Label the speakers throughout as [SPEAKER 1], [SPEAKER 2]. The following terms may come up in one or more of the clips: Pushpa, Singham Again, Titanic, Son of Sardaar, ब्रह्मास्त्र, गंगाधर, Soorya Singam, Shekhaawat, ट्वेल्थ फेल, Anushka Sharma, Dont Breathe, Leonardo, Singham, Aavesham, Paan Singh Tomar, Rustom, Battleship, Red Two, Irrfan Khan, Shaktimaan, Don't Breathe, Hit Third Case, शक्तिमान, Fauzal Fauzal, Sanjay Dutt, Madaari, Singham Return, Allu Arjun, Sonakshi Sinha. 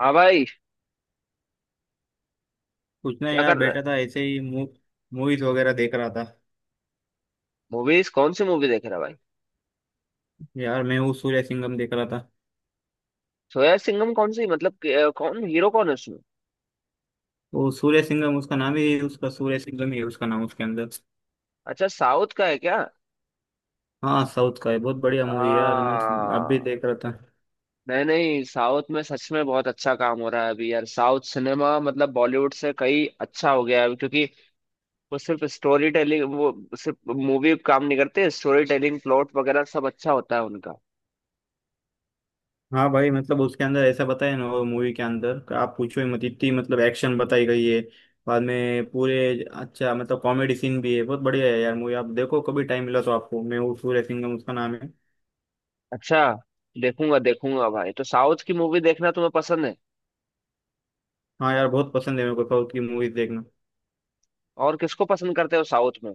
[SPEAKER 1] हाँ भाई।
[SPEAKER 2] कुछ नहीं
[SPEAKER 1] क्या
[SPEAKER 2] यार,
[SPEAKER 1] कर रहा
[SPEAKER 2] बैठा
[SPEAKER 1] है।
[SPEAKER 2] था ऐसे ही। मूवीज वगैरह देख रहा था।
[SPEAKER 1] मूवीज कौन सी मूवी देख रहा है भाई।
[SPEAKER 2] यार मैं वो सूर्य सिंघम देख रहा था।
[SPEAKER 1] सोया सिंघम कौन सी मतलब कौन हीरो कौन है उसमें।
[SPEAKER 2] वो सूर्य सिंघम उसका नाम ही, उसका सूर्य सिंघम ही है उसका नाम, उसके अंदर।
[SPEAKER 1] अच्छा साउथ का है क्या।
[SPEAKER 2] हाँ, साउथ का है, बहुत बढ़िया
[SPEAKER 1] आ,
[SPEAKER 2] मूवी यार, मतलब आप भी देख रहा था।
[SPEAKER 1] नहीं नहीं साउथ में सच में बहुत अच्छा काम हो रहा है अभी यार। साउथ सिनेमा मतलब बॉलीवुड से कई अच्छा हो गया है अभी, क्योंकि वो सिर्फ स्टोरी टेलिंग, वो सिर्फ मूवी काम नहीं करते। स्टोरी टेलिंग, प्लॉट वगैरह सब अच्छा होता है उनका।
[SPEAKER 2] हाँ भाई, मतलब उसके अंदर ऐसा बताया ना वो मूवी के अंदर कि आप पूछो ही मत, इतनी मतलब एक्शन बताई गई है बाद में पूरे। अच्छा, मतलब कॉमेडी सीन भी है, बहुत बढ़िया है यार मूवी, आप देखो कभी टाइम मिला तो, आपको मैं वो सूर्य सिंघम उसका नाम है।
[SPEAKER 1] अच्छा, देखूंगा देखूंगा भाई। तो साउथ की मूवी देखना तुम्हें पसंद है।
[SPEAKER 2] हाँ यार, बहुत पसंद है मेरे को साउथ की मूवीज देखना।
[SPEAKER 1] और किसको पसंद करते हो साउथ में।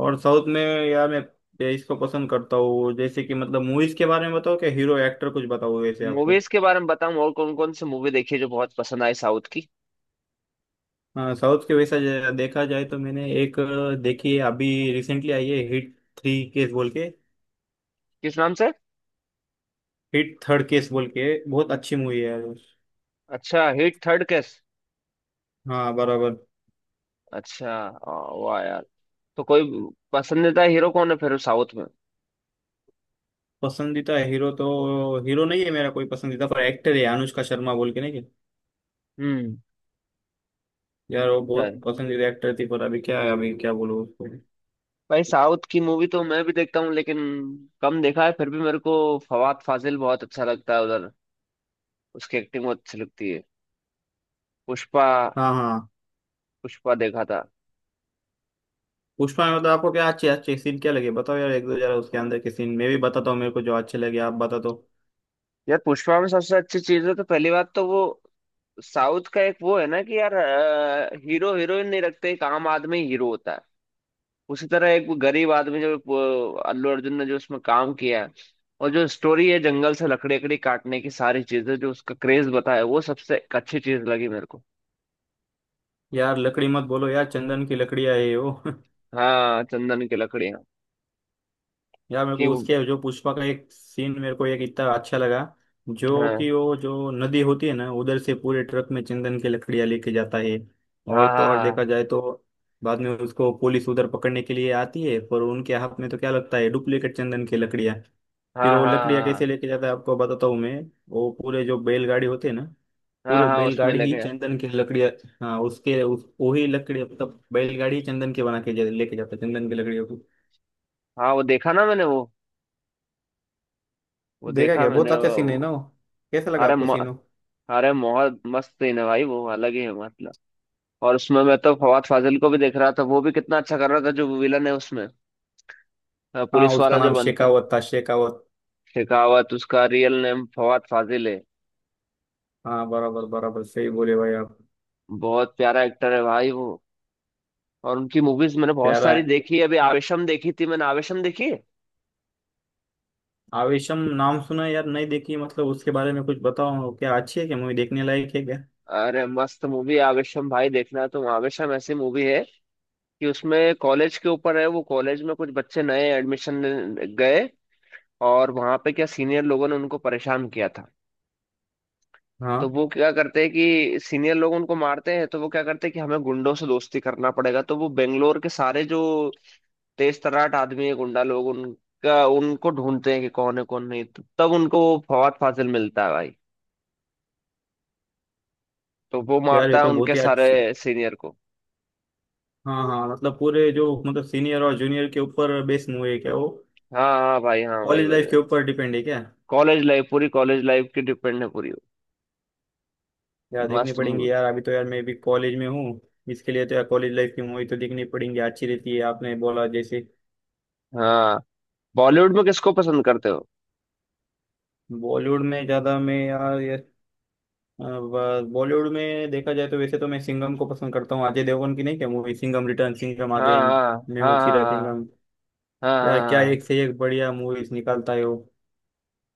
[SPEAKER 2] और साउथ में यार, मैं इसको पसंद करता हूँ, जैसे कि मतलब मूवीज के बारे में बताओ, क्या हीरो एक्टर कुछ बताओ वैसे आपको।
[SPEAKER 1] मूवीज के बारे में बताऊं और कौन कौन सी मूवी देखी है जो बहुत पसंद आई साउथ की।
[SPEAKER 2] हाँ साउथ के वैसा देखा जाए तो मैंने एक देखी है, अभी रिसेंटली आई है, हिट थ्री केस बोल के।
[SPEAKER 1] किस नाम से।
[SPEAKER 2] हिट थर्ड केस बोल के, बहुत अच्छी मूवी है यार।
[SPEAKER 1] अच्छा, हिट थर्ड केस।
[SPEAKER 2] हाँ बराबर।
[SPEAKER 1] अच्छा। वाह यार। तो कोई पसंदीदा हीरो कौन है फिर साउथ में।
[SPEAKER 2] पसंदीदा हीरो तो हीरो नहीं है मेरा कोई पसंदीदा, पर एक्टर है अनुष्का शर्मा बोल के, नहीं क्या?
[SPEAKER 1] हम्म।
[SPEAKER 2] यार वो बहुत
[SPEAKER 1] यार
[SPEAKER 2] पसंदीदा एक्टर थी, पर अभी क्या है, अभी क्या बोलूँ उसको।
[SPEAKER 1] भाई, साउथ की मूवी तो मैं भी देखता हूँ लेकिन कम देखा है। फिर भी मेरे को फवाद फाजिल बहुत अच्छा लगता है उधर। उसकी एक्टिंग बहुत अच्छी लगती है। पुष्पा,
[SPEAKER 2] हाँ हाँ।
[SPEAKER 1] पुष्पा देखा था।
[SPEAKER 2] पुष्पा में मतलब आपको क्या अच्छे अच्छे सीन क्या लगे बताओ यार एक दो जरा, उसके अंदर के सीन मैं भी बताता हूँ मेरे को जो अच्छे लगे, आप बता दो।
[SPEAKER 1] यार पुष्पा में सबसे अच्छी चीज है तो पहली बात तो वो साउथ का एक वो है ना कि यार हीरो हीरोइन नहीं रखते, एक आम आदमी हीरो होता है। उसी तरह एक वो गरीब आदमी जो, वो अल्लू अर्जुन ने जो उसमें काम किया है। और जो स्टोरी है, जंगल से लकड़ी लकड़ी काटने की सारी चीजें, जो उसका क्रेज बताया, वो सबसे एक अच्छी चीज लगी मेरे को।
[SPEAKER 2] यार लकड़ी मत बोलो यार, चंदन की लकड़ियाँ है ये वो
[SPEAKER 1] हाँ चंदन की लकड़ियाँ।
[SPEAKER 2] यार मेरे
[SPEAKER 1] कि
[SPEAKER 2] को
[SPEAKER 1] वो,
[SPEAKER 2] उसके जो पुष्पा का एक सीन मेरे को एक इतना अच्छा लगा, जो
[SPEAKER 1] हाँ,
[SPEAKER 2] कि वो जो नदी होती है ना, उधर से पूरे ट्रक में चंदन की लकड़ियाँ लेके जाता है।
[SPEAKER 1] हाँ
[SPEAKER 2] और तो और देखा
[SPEAKER 1] हाँ,
[SPEAKER 2] जाए तो, बाद में उसको पुलिस उधर पकड़ने के लिए आती है, पर उनके हाथ में तो क्या लगता है, डुप्लीकेट चंदन की लकड़ियाँ। फिर
[SPEAKER 1] हाँ
[SPEAKER 2] वो
[SPEAKER 1] हाँ
[SPEAKER 2] लकड़ियाँ कैसे
[SPEAKER 1] हाँ,
[SPEAKER 2] लेके जाता है आपको बताता हूँ मैं। वो पूरे जो बैलगाड़ी होते हैं ना,
[SPEAKER 1] हाँ
[SPEAKER 2] पूरे
[SPEAKER 1] हाँ उसमें
[SPEAKER 2] बैलगाड़ी ही
[SPEAKER 1] लेके।
[SPEAKER 2] चंदन की लकड़ियाँ। हाँ उसके उस वही लकड़ी मतलब बैलगाड़ी ही चंदन की बना के लेके जाता है, चंदन की लकड़ियों को।
[SPEAKER 1] हाँ वो देखा ना मैंने वो
[SPEAKER 2] देखा
[SPEAKER 1] देखा
[SPEAKER 2] क्या, बहुत
[SPEAKER 1] मैंने
[SPEAKER 2] अच्छा सीन है ना
[SPEAKER 1] वो।
[SPEAKER 2] वो। कैसा लगा
[SPEAKER 1] अरे
[SPEAKER 2] आपको
[SPEAKER 1] म,
[SPEAKER 2] सीन वो?
[SPEAKER 1] अरे बहुत मस्त सीन है भाई। वो अलग ही है मतलब। और उसमें मैं तो फवाद फाजिल को भी देख रहा था। वो भी कितना अच्छा कर रहा था, जो विलन है उसमें।
[SPEAKER 2] हाँ,
[SPEAKER 1] पुलिस
[SPEAKER 2] उसका
[SPEAKER 1] वाला जो
[SPEAKER 2] नाम
[SPEAKER 1] बनता है।
[SPEAKER 2] शेखावत था, शेखावत।
[SPEAKER 1] शेखावत उसका रियल नेम फवाद फाजिल है।
[SPEAKER 2] हाँ बराबर बराबर, सही बोले भाई आप।
[SPEAKER 1] बहुत प्यारा एक्टर है भाई वो। और उनकी मूवीज मैंने बहुत
[SPEAKER 2] प्यारा
[SPEAKER 1] सारी
[SPEAKER 2] है।
[SPEAKER 1] देखी है। अभी आवेशम देखी थी मैंने। आवेशम देखी है?
[SPEAKER 2] आवेशम नाम सुना है यार, नहीं देखी, मतलब उसके बारे में कुछ बताओ, क्या अच्छी है, क्या मूवी देखने लायक है क्या?
[SPEAKER 1] अरे मस्त मूवी आवेशम भाई, देखना तो। आवेशम ऐसी मूवी है कि उसमें कॉलेज के ऊपर है वो। कॉलेज में कुछ बच्चे नए एडमिशन गए, और वहां पे क्या सीनियर लोगों ने उनको परेशान किया था। तो
[SPEAKER 2] हाँ
[SPEAKER 1] वो क्या करते हैं कि सीनियर लोग उनको मारते हैं, तो वो क्या करते हैं कि हमें गुंडों से दोस्ती करना पड़ेगा। तो वो बेंगलोर के सारे जो तेज तर्राट आदमी है, गुंडा लोग, उनका उनको ढूंढते हैं कि कौन है कौन नहीं। तो तब उनको वो फवाद फाजिल मिलता है भाई। तो वो
[SPEAKER 2] यार,
[SPEAKER 1] मारता
[SPEAKER 2] ये
[SPEAKER 1] है
[SPEAKER 2] तो बहुत
[SPEAKER 1] उनके
[SPEAKER 2] ही
[SPEAKER 1] सारे
[SPEAKER 2] अच्छी।
[SPEAKER 1] सीनियर को।
[SPEAKER 2] हाँ हाँ, मतलब पूरे जो मतलब सीनियर और जूनियर के ऊपर बेस्ड मूवी है क्या वो?
[SPEAKER 1] हाँ हाँ भाई, हाँ भाई
[SPEAKER 2] कॉलेज लाइफ के
[SPEAKER 1] भाई।
[SPEAKER 2] ऊपर डिपेंड है क्या?
[SPEAKER 1] कॉलेज लाइफ, पूरी कॉलेज लाइफ की डिपेंड है पूरी।
[SPEAKER 2] यार देखनी
[SPEAKER 1] मस्त मूवी।
[SPEAKER 2] पड़ेंगी यार, अभी तो यार मैं भी कॉलेज में हूँ, इसके लिए तो यार कॉलेज लाइफ की मूवी तो देखनी पड़ेंगी, अच्छी रहती है आपने बोला जैसे।
[SPEAKER 1] हाँ बॉलीवुड में किसको पसंद करते हो।
[SPEAKER 2] बॉलीवुड में ज़्यादा मैं यार ये, बॉलीवुड में देखा जाए तो वैसे तो मैं सिंघम को पसंद करता हूँ, अजय देवगन की नहीं क्या मूवी, सिंघम रिटर्न, सिंघम
[SPEAKER 1] हाँ
[SPEAKER 2] अगेन,
[SPEAKER 1] हाँ
[SPEAKER 2] मैं
[SPEAKER 1] हाँ
[SPEAKER 2] हूँ
[SPEAKER 1] हाँ
[SPEAKER 2] सीरा
[SPEAKER 1] हाँ।
[SPEAKER 2] सिंघम।
[SPEAKER 1] हाँ
[SPEAKER 2] यार
[SPEAKER 1] हाँ
[SPEAKER 2] क्या
[SPEAKER 1] हाँ,
[SPEAKER 2] एक से एक बढ़िया मूवीज निकालता है वो।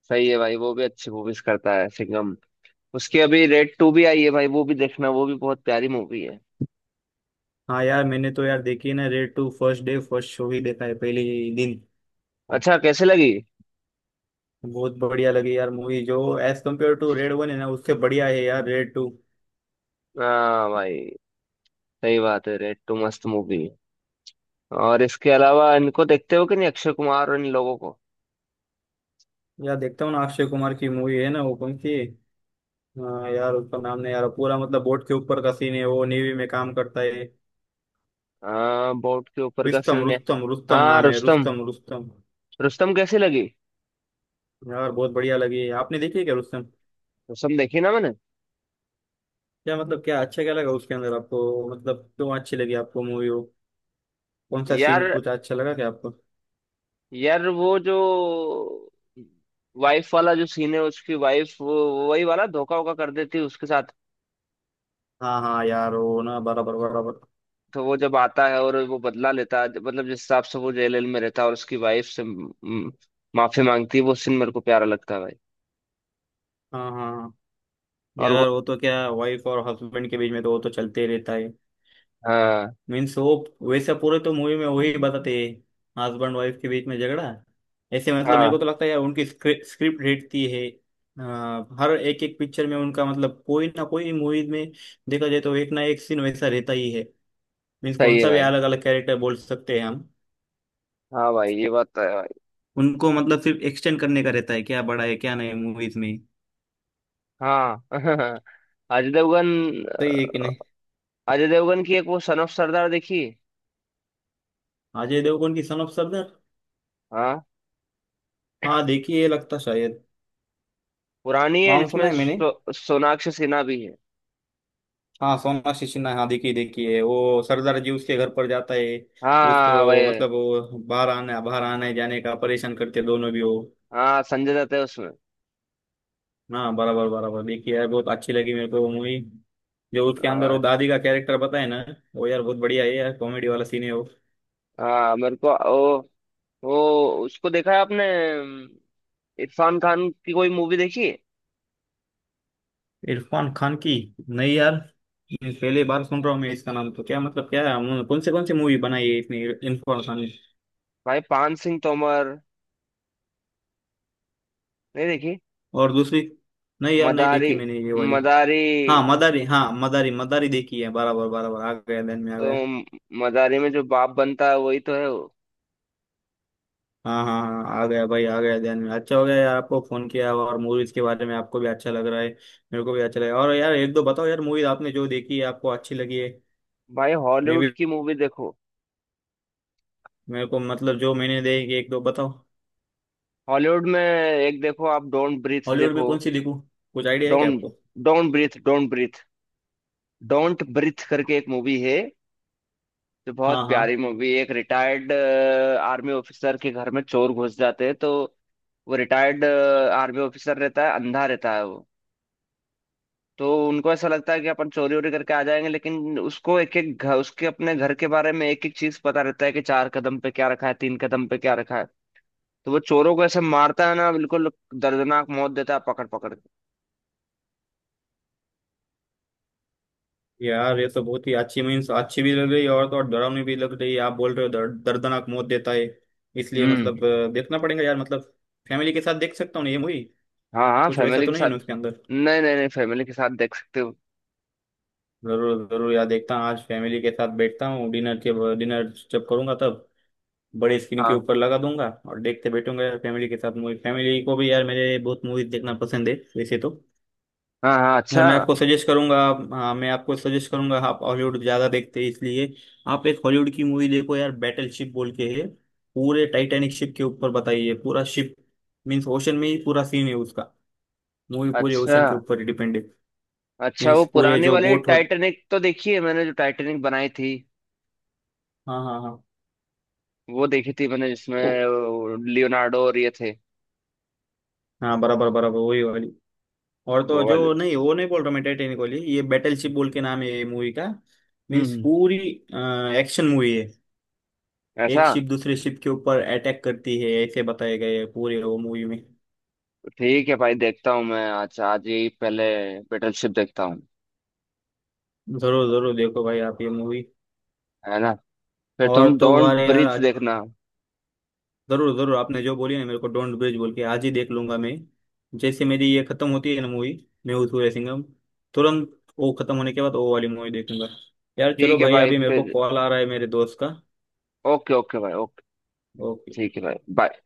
[SPEAKER 1] सही है भाई, वो भी अच्छी मूवीज करता है सिंघम। उसकी अभी रेड टू भी आई है भाई, वो भी देखना। वो भी बहुत प्यारी मूवी है।
[SPEAKER 2] हाँ यार, मैंने तो यार देखी है ना Raid two, first day first show ही देखा है, पहले ही दिन।
[SPEAKER 1] अच्छा, कैसे लगी।
[SPEAKER 2] बहुत बढ़िया लगी यार मूवी, जो as compared to Raid one है ना, उससे बढ़िया है यार रेड टू।
[SPEAKER 1] हाँ भाई, सही बात है, रेड टू मस्त मूवी है। और इसके अलावा इनको देखते हो कि नहीं, अक्षय कुमार और इन लोगों को।
[SPEAKER 2] यार देखता हूँ ना, अक्षय कुमार की मूवी है ना वो कौन सी, हाँ, यार उसका नाम नहीं, यार पूरा मतलब बोट के ऊपर का सीन है, वो नेवी में काम करता है।
[SPEAKER 1] हाँ बोट के ऊपर का
[SPEAKER 2] रुस्तम,
[SPEAKER 1] फिल्म है।
[SPEAKER 2] रुस्तम रुस्तम
[SPEAKER 1] हाँ
[SPEAKER 2] नाम है,
[SPEAKER 1] रुस्तम।
[SPEAKER 2] रुस्तम रुस्तम।
[SPEAKER 1] रुस्तम कैसी लगी।
[SPEAKER 2] यार बहुत बढ़िया लगी, आपने देखी है क्या रुस्तम?
[SPEAKER 1] रुस्तम देखी ना मैंने।
[SPEAKER 2] क्या मतलब क्या अच्छा क्या लगा उसके अंदर आपको, मतलब क्यों अच्छी लगी आपको मूवी वो, कौन सा सीन
[SPEAKER 1] यार,
[SPEAKER 2] कुछ अच्छा लगा क्या आपको?
[SPEAKER 1] यार वो जो वाइफ वाला जो सीन है, उसकी वाइफ वही वाला धोखा वोखा कर देती है उसके साथ।
[SPEAKER 2] हाँ हाँ यार वो ना, बराबर बराबर।
[SPEAKER 1] तो वो जब आता है और वो बदला लेता है, मतलब जिस हिसाब से वो जेल में रहता है और उसकी वाइफ से म, म, माफी मांगती है, वो सीन मेरे को प्यारा लगता है भाई।
[SPEAKER 2] हाँ हाँ हाँ।
[SPEAKER 1] और वो,
[SPEAKER 2] यार वो तो क्या, वाइफ और हस्बैंड के बीच में तो वो तो चलते ही रहता है,
[SPEAKER 1] हाँ।
[SPEAKER 2] मीन्स वो, वैसे पूरे तो मूवी में वही बताते हैं, हस्बैंड वाइफ के बीच में झगड़ा। ऐसे मतलब मेरे
[SPEAKER 1] हाँ,
[SPEAKER 2] को तो लगता है यार उनकी स्क्रिप्ट रहती है हर एक एक पिक्चर में उनका, मतलब कोई ना कोई मूवी में देखा जाए तो एक ना एक सीन वैसा रहता ही है। मीन्स
[SPEAKER 1] सही
[SPEAKER 2] कौन
[SPEAKER 1] है
[SPEAKER 2] सा भी
[SPEAKER 1] भाई।
[SPEAKER 2] अलग अलग कैरेक्टर बोल सकते हैं हम।
[SPEAKER 1] हाँ भाई, ये बात तो है भाई।
[SPEAKER 2] उनको मतलब सिर्फ एक्सटेंड करने का रहता है, क्या बड़ा है क्या नहीं मूवीज में।
[SPEAKER 1] हाँ। अजय देवगन,
[SPEAKER 2] सही है कि नहीं?
[SPEAKER 1] अजय देवगन की एक वो सन ऑफ सरदार देखी।
[SPEAKER 2] अजय देवगन की सन ऑफ सरदार,
[SPEAKER 1] हाँ
[SPEAKER 2] हाँ देखिए ये लगता शायद,
[SPEAKER 1] पुरानी है,
[SPEAKER 2] नाम सुना
[SPEAKER 1] जिसमें
[SPEAKER 2] है मैंने।
[SPEAKER 1] सोनाक्षी सिन्हा भी है।
[SPEAKER 2] हाँ सोनाक्षी सिन्हा, हाँ देखी देखी है, वो सरदार जी उसके घर पर जाता है उसको,
[SPEAKER 1] हाँ भाई।
[SPEAKER 2] मतलब वो बाहर आने जाने का परेशान करते दोनों भी वो।
[SPEAKER 1] हाँ संजय दत्त है उसमें।
[SPEAKER 2] हाँ बराबर बराबर, देखी यार, बहुत अच्छी लगी मेरे को वो मूवी। जो उसके
[SPEAKER 1] हाँ
[SPEAKER 2] अंदर
[SPEAKER 1] भाई।
[SPEAKER 2] वो दादी का कैरेक्टर बताए ना, वो यार बहुत बढ़िया है यार, कॉमेडी वाला सीन है वो।
[SPEAKER 1] हाँ मेरे को ओ, ओ उसको देखा है आपने, इरफान खान की कोई मूवी देखी है।
[SPEAKER 2] इरफान खान की, नहीं यार, मैं पहली बार सुन रहा हूँ मैं, इसका नाम तो क्या मतलब क्या है, कौन से मूवी बनाई है इसने, इरफान खान ने?
[SPEAKER 1] भाई पान सिंह तोमर। नहीं देखी।
[SPEAKER 2] और दूसरी, नहीं यार नहीं
[SPEAKER 1] मदारी,
[SPEAKER 2] देखी मैंने ये वाली।
[SPEAKER 1] मदारी।
[SPEAKER 2] हाँ मदारी, हाँ मदारी मदारी देखी है, बराबर बराबर, आ गया ध्यान में आ गया।
[SPEAKER 1] तो मदारी में जो बाप बनता है वही तो है वो।
[SPEAKER 2] हाँ हाँ हाँ हाँ, आ गया भाई आ गया ध्यान में, अच्छा हो गया यार आपको फोन किया और मूवीज के बारे में, आपको भी अच्छा लग रहा है, मेरे को भी अच्छा लगा। और यार एक दो बताओ यार मूवीज आपने जो देखी है आपको अच्छी लगी है,
[SPEAKER 1] भाई
[SPEAKER 2] मैं
[SPEAKER 1] हॉलीवुड
[SPEAKER 2] भी,
[SPEAKER 1] की मूवी देखो।
[SPEAKER 2] मेरे को मतलब जो मैंने देखी एक दो बताओ।
[SPEAKER 1] हॉलीवुड में एक देखो, आप डोंट ब्रीथ
[SPEAKER 2] हॉलीवुड में
[SPEAKER 1] देखो।
[SPEAKER 2] कौन सी देखूँ? कुछ आइडिया है क्या
[SPEAKER 1] डोंट
[SPEAKER 2] आपको?
[SPEAKER 1] Don't breathe don't breathe, don't breathe करके एक मूवी है। जो
[SPEAKER 2] हाँ
[SPEAKER 1] बहुत प्यारी
[SPEAKER 2] हाँ,
[SPEAKER 1] मूवी, एक रिटायर्ड आर्मी ऑफिसर के घर में चोर घुस जाते हैं, तो वो रिटायर्ड आर्मी ऑफिसर रहता है, अंधा रहता है वो। तो उनको ऐसा लगता है कि अपन चोरी वोरी करके आ जाएंगे, लेकिन उसको एक एक घर, उसके अपने घर के बारे में एक एक चीज पता रहता है, कि चार कदम पे क्या रखा है, तीन कदम पे क्या रखा है। तो वो चोरों को ऐसे मारता है ना, बिल्कुल दर्दनाक मौत देता है, पकड़ पकड़ के।
[SPEAKER 2] यार ये तो बहुत ही अच्छी मीन्स अच्छी भी लग रही है, और तो और डरावनी भी लग रही है, आप बोल रहे हो दर्दनाक मौत देता है, इसलिए
[SPEAKER 1] हम्म।
[SPEAKER 2] मतलब देखना पड़ेगा यार मतलब। फैमिली के साथ देख सकता हूँ ना ये मूवी?
[SPEAKER 1] हाँ हाँ
[SPEAKER 2] कुछ वैसा
[SPEAKER 1] फैमिली के
[SPEAKER 2] तो नहीं
[SPEAKER 1] साथ।
[SPEAKER 2] ना उसके अंदर?
[SPEAKER 1] नहीं नहीं नहीं फैमिली के साथ देख सकते हो।
[SPEAKER 2] जरूर जरूर यार, देखता हूँ आज फैमिली के साथ बैठता हूँ, डिनर जब करूंगा तब बड़े स्क्रीन के
[SPEAKER 1] हाँ
[SPEAKER 2] ऊपर लगा दूंगा और देखते बैठूंगा यार, फैमिली के साथ मूवी, फैमिली को भी यार मेरे बहुत मूवीज देखना पसंद है वैसे तो।
[SPEAKER 1] हाँ हाँ।
[SPEAKER 2] यार
[SPEAKER 1] अच्छा,
[SPEAKER 2] मैं आपको सजेस्ट करूंगा, हाँ, मैं आपको सजेस्ट करूंगा, आप हॉलीवुड ज्यादा देखते हैं इसलिए आप एक हॉलीवुड की मूवी देखो यार, बैटल शिप बोल के है। पूरे टाइटैनिक शिप के ऊपर बताइए, पूरा शिप मीन्स ओशन में ही पूरा सीन है उसका, मूवी पूरे
[SPEAKER 1] अच्छा।
[SPEAKER 2] ओशन के ऊपर डिपेंड है।
[SPEAKER 1] अच्छा वो
[SPEAKER 2] मीन्स पूरे
[SPEAKER 1] पुरानी
[SPEAKER 2] जो
[SPEAKER 1] वाली
[SPEAKER 2] बोट हो,
[SPEAKER 1] टाइटैनिक तो देखी है मैंने, जो टाइटैनिक बनाई थी,
[SPEAKER 2] हाँ हाँ हाँ।
[SPEAKER 1] वो देखी थी मैंने, जिसमें लियोनार्डो और ये थे।
[SPEAKER 2] हाँ बराबर बराबर वही वाली, और तो
[SPEAKER 1] वो वाले।
[SPEAKER 2] जो नहीं, वो नहीं बोल रहा मैं टाइटेनिक वाली, ये बैटल शिप
[SPEAKER 1] हम्म।
[SPEAKER 2] बोल के नाम है ये मूवी का। मीन्स
[SPEAKER 1] हम्म।
[SPEAKER 2] पूरी एक्शन मूवी है, एक
[SPEAKER 1] ऐसा।
[SPEAKER 2] शिप दूसरे शिप के ऊपर अटैक करती है ऐसे बताया गया है पूरे वो मूवी में।
[SPEAKER 1] ठीक है भाई, देखता हूँ मैं आज आज ही पहले बैटलशिप देखता हूँ।
[SPEAKER 2] जरूर जरूर देखो भाई आप ये मूवी।
[SPEAKER 1] है ना। फिर
[SPEAKER 2] और
[SPEAKER 1] तुम
[SPEAKER 2] तो
[SPEAKER 1] डोंट
[SPEAKER 2] वाले यार,
[SPEAKER 1] ब्रीथ देखना।
[SPEAKER 2] जरूर जरूर, आपने जो बोली ना मेरे को डोंट ब्रिज बोल के आज ही देख लूंगा मैं, जैसे मेरी ये खत्म होती है ना मूवी, मैं सूर्य सिंघम तुरंत वो खत्म होने के बाद वो वाली मूवी देखूंगा। यार चलो
[SPEAKER 1] ठीक है
[SPEAKER 2] भाई,
[SPEAKER 1] भाई
[SPEAKER 2] अभी मेरे को
[SPEAKER 1] फिर।
[SPEAKER 2] कॉल आ रहा है मेरे दोस्त का।
[SPEAKER 1] ओके, ओके भाई, ओके।
[SPEAKER 2] ओके।
[SPEAKER 1] ठीक है भाई, बाय।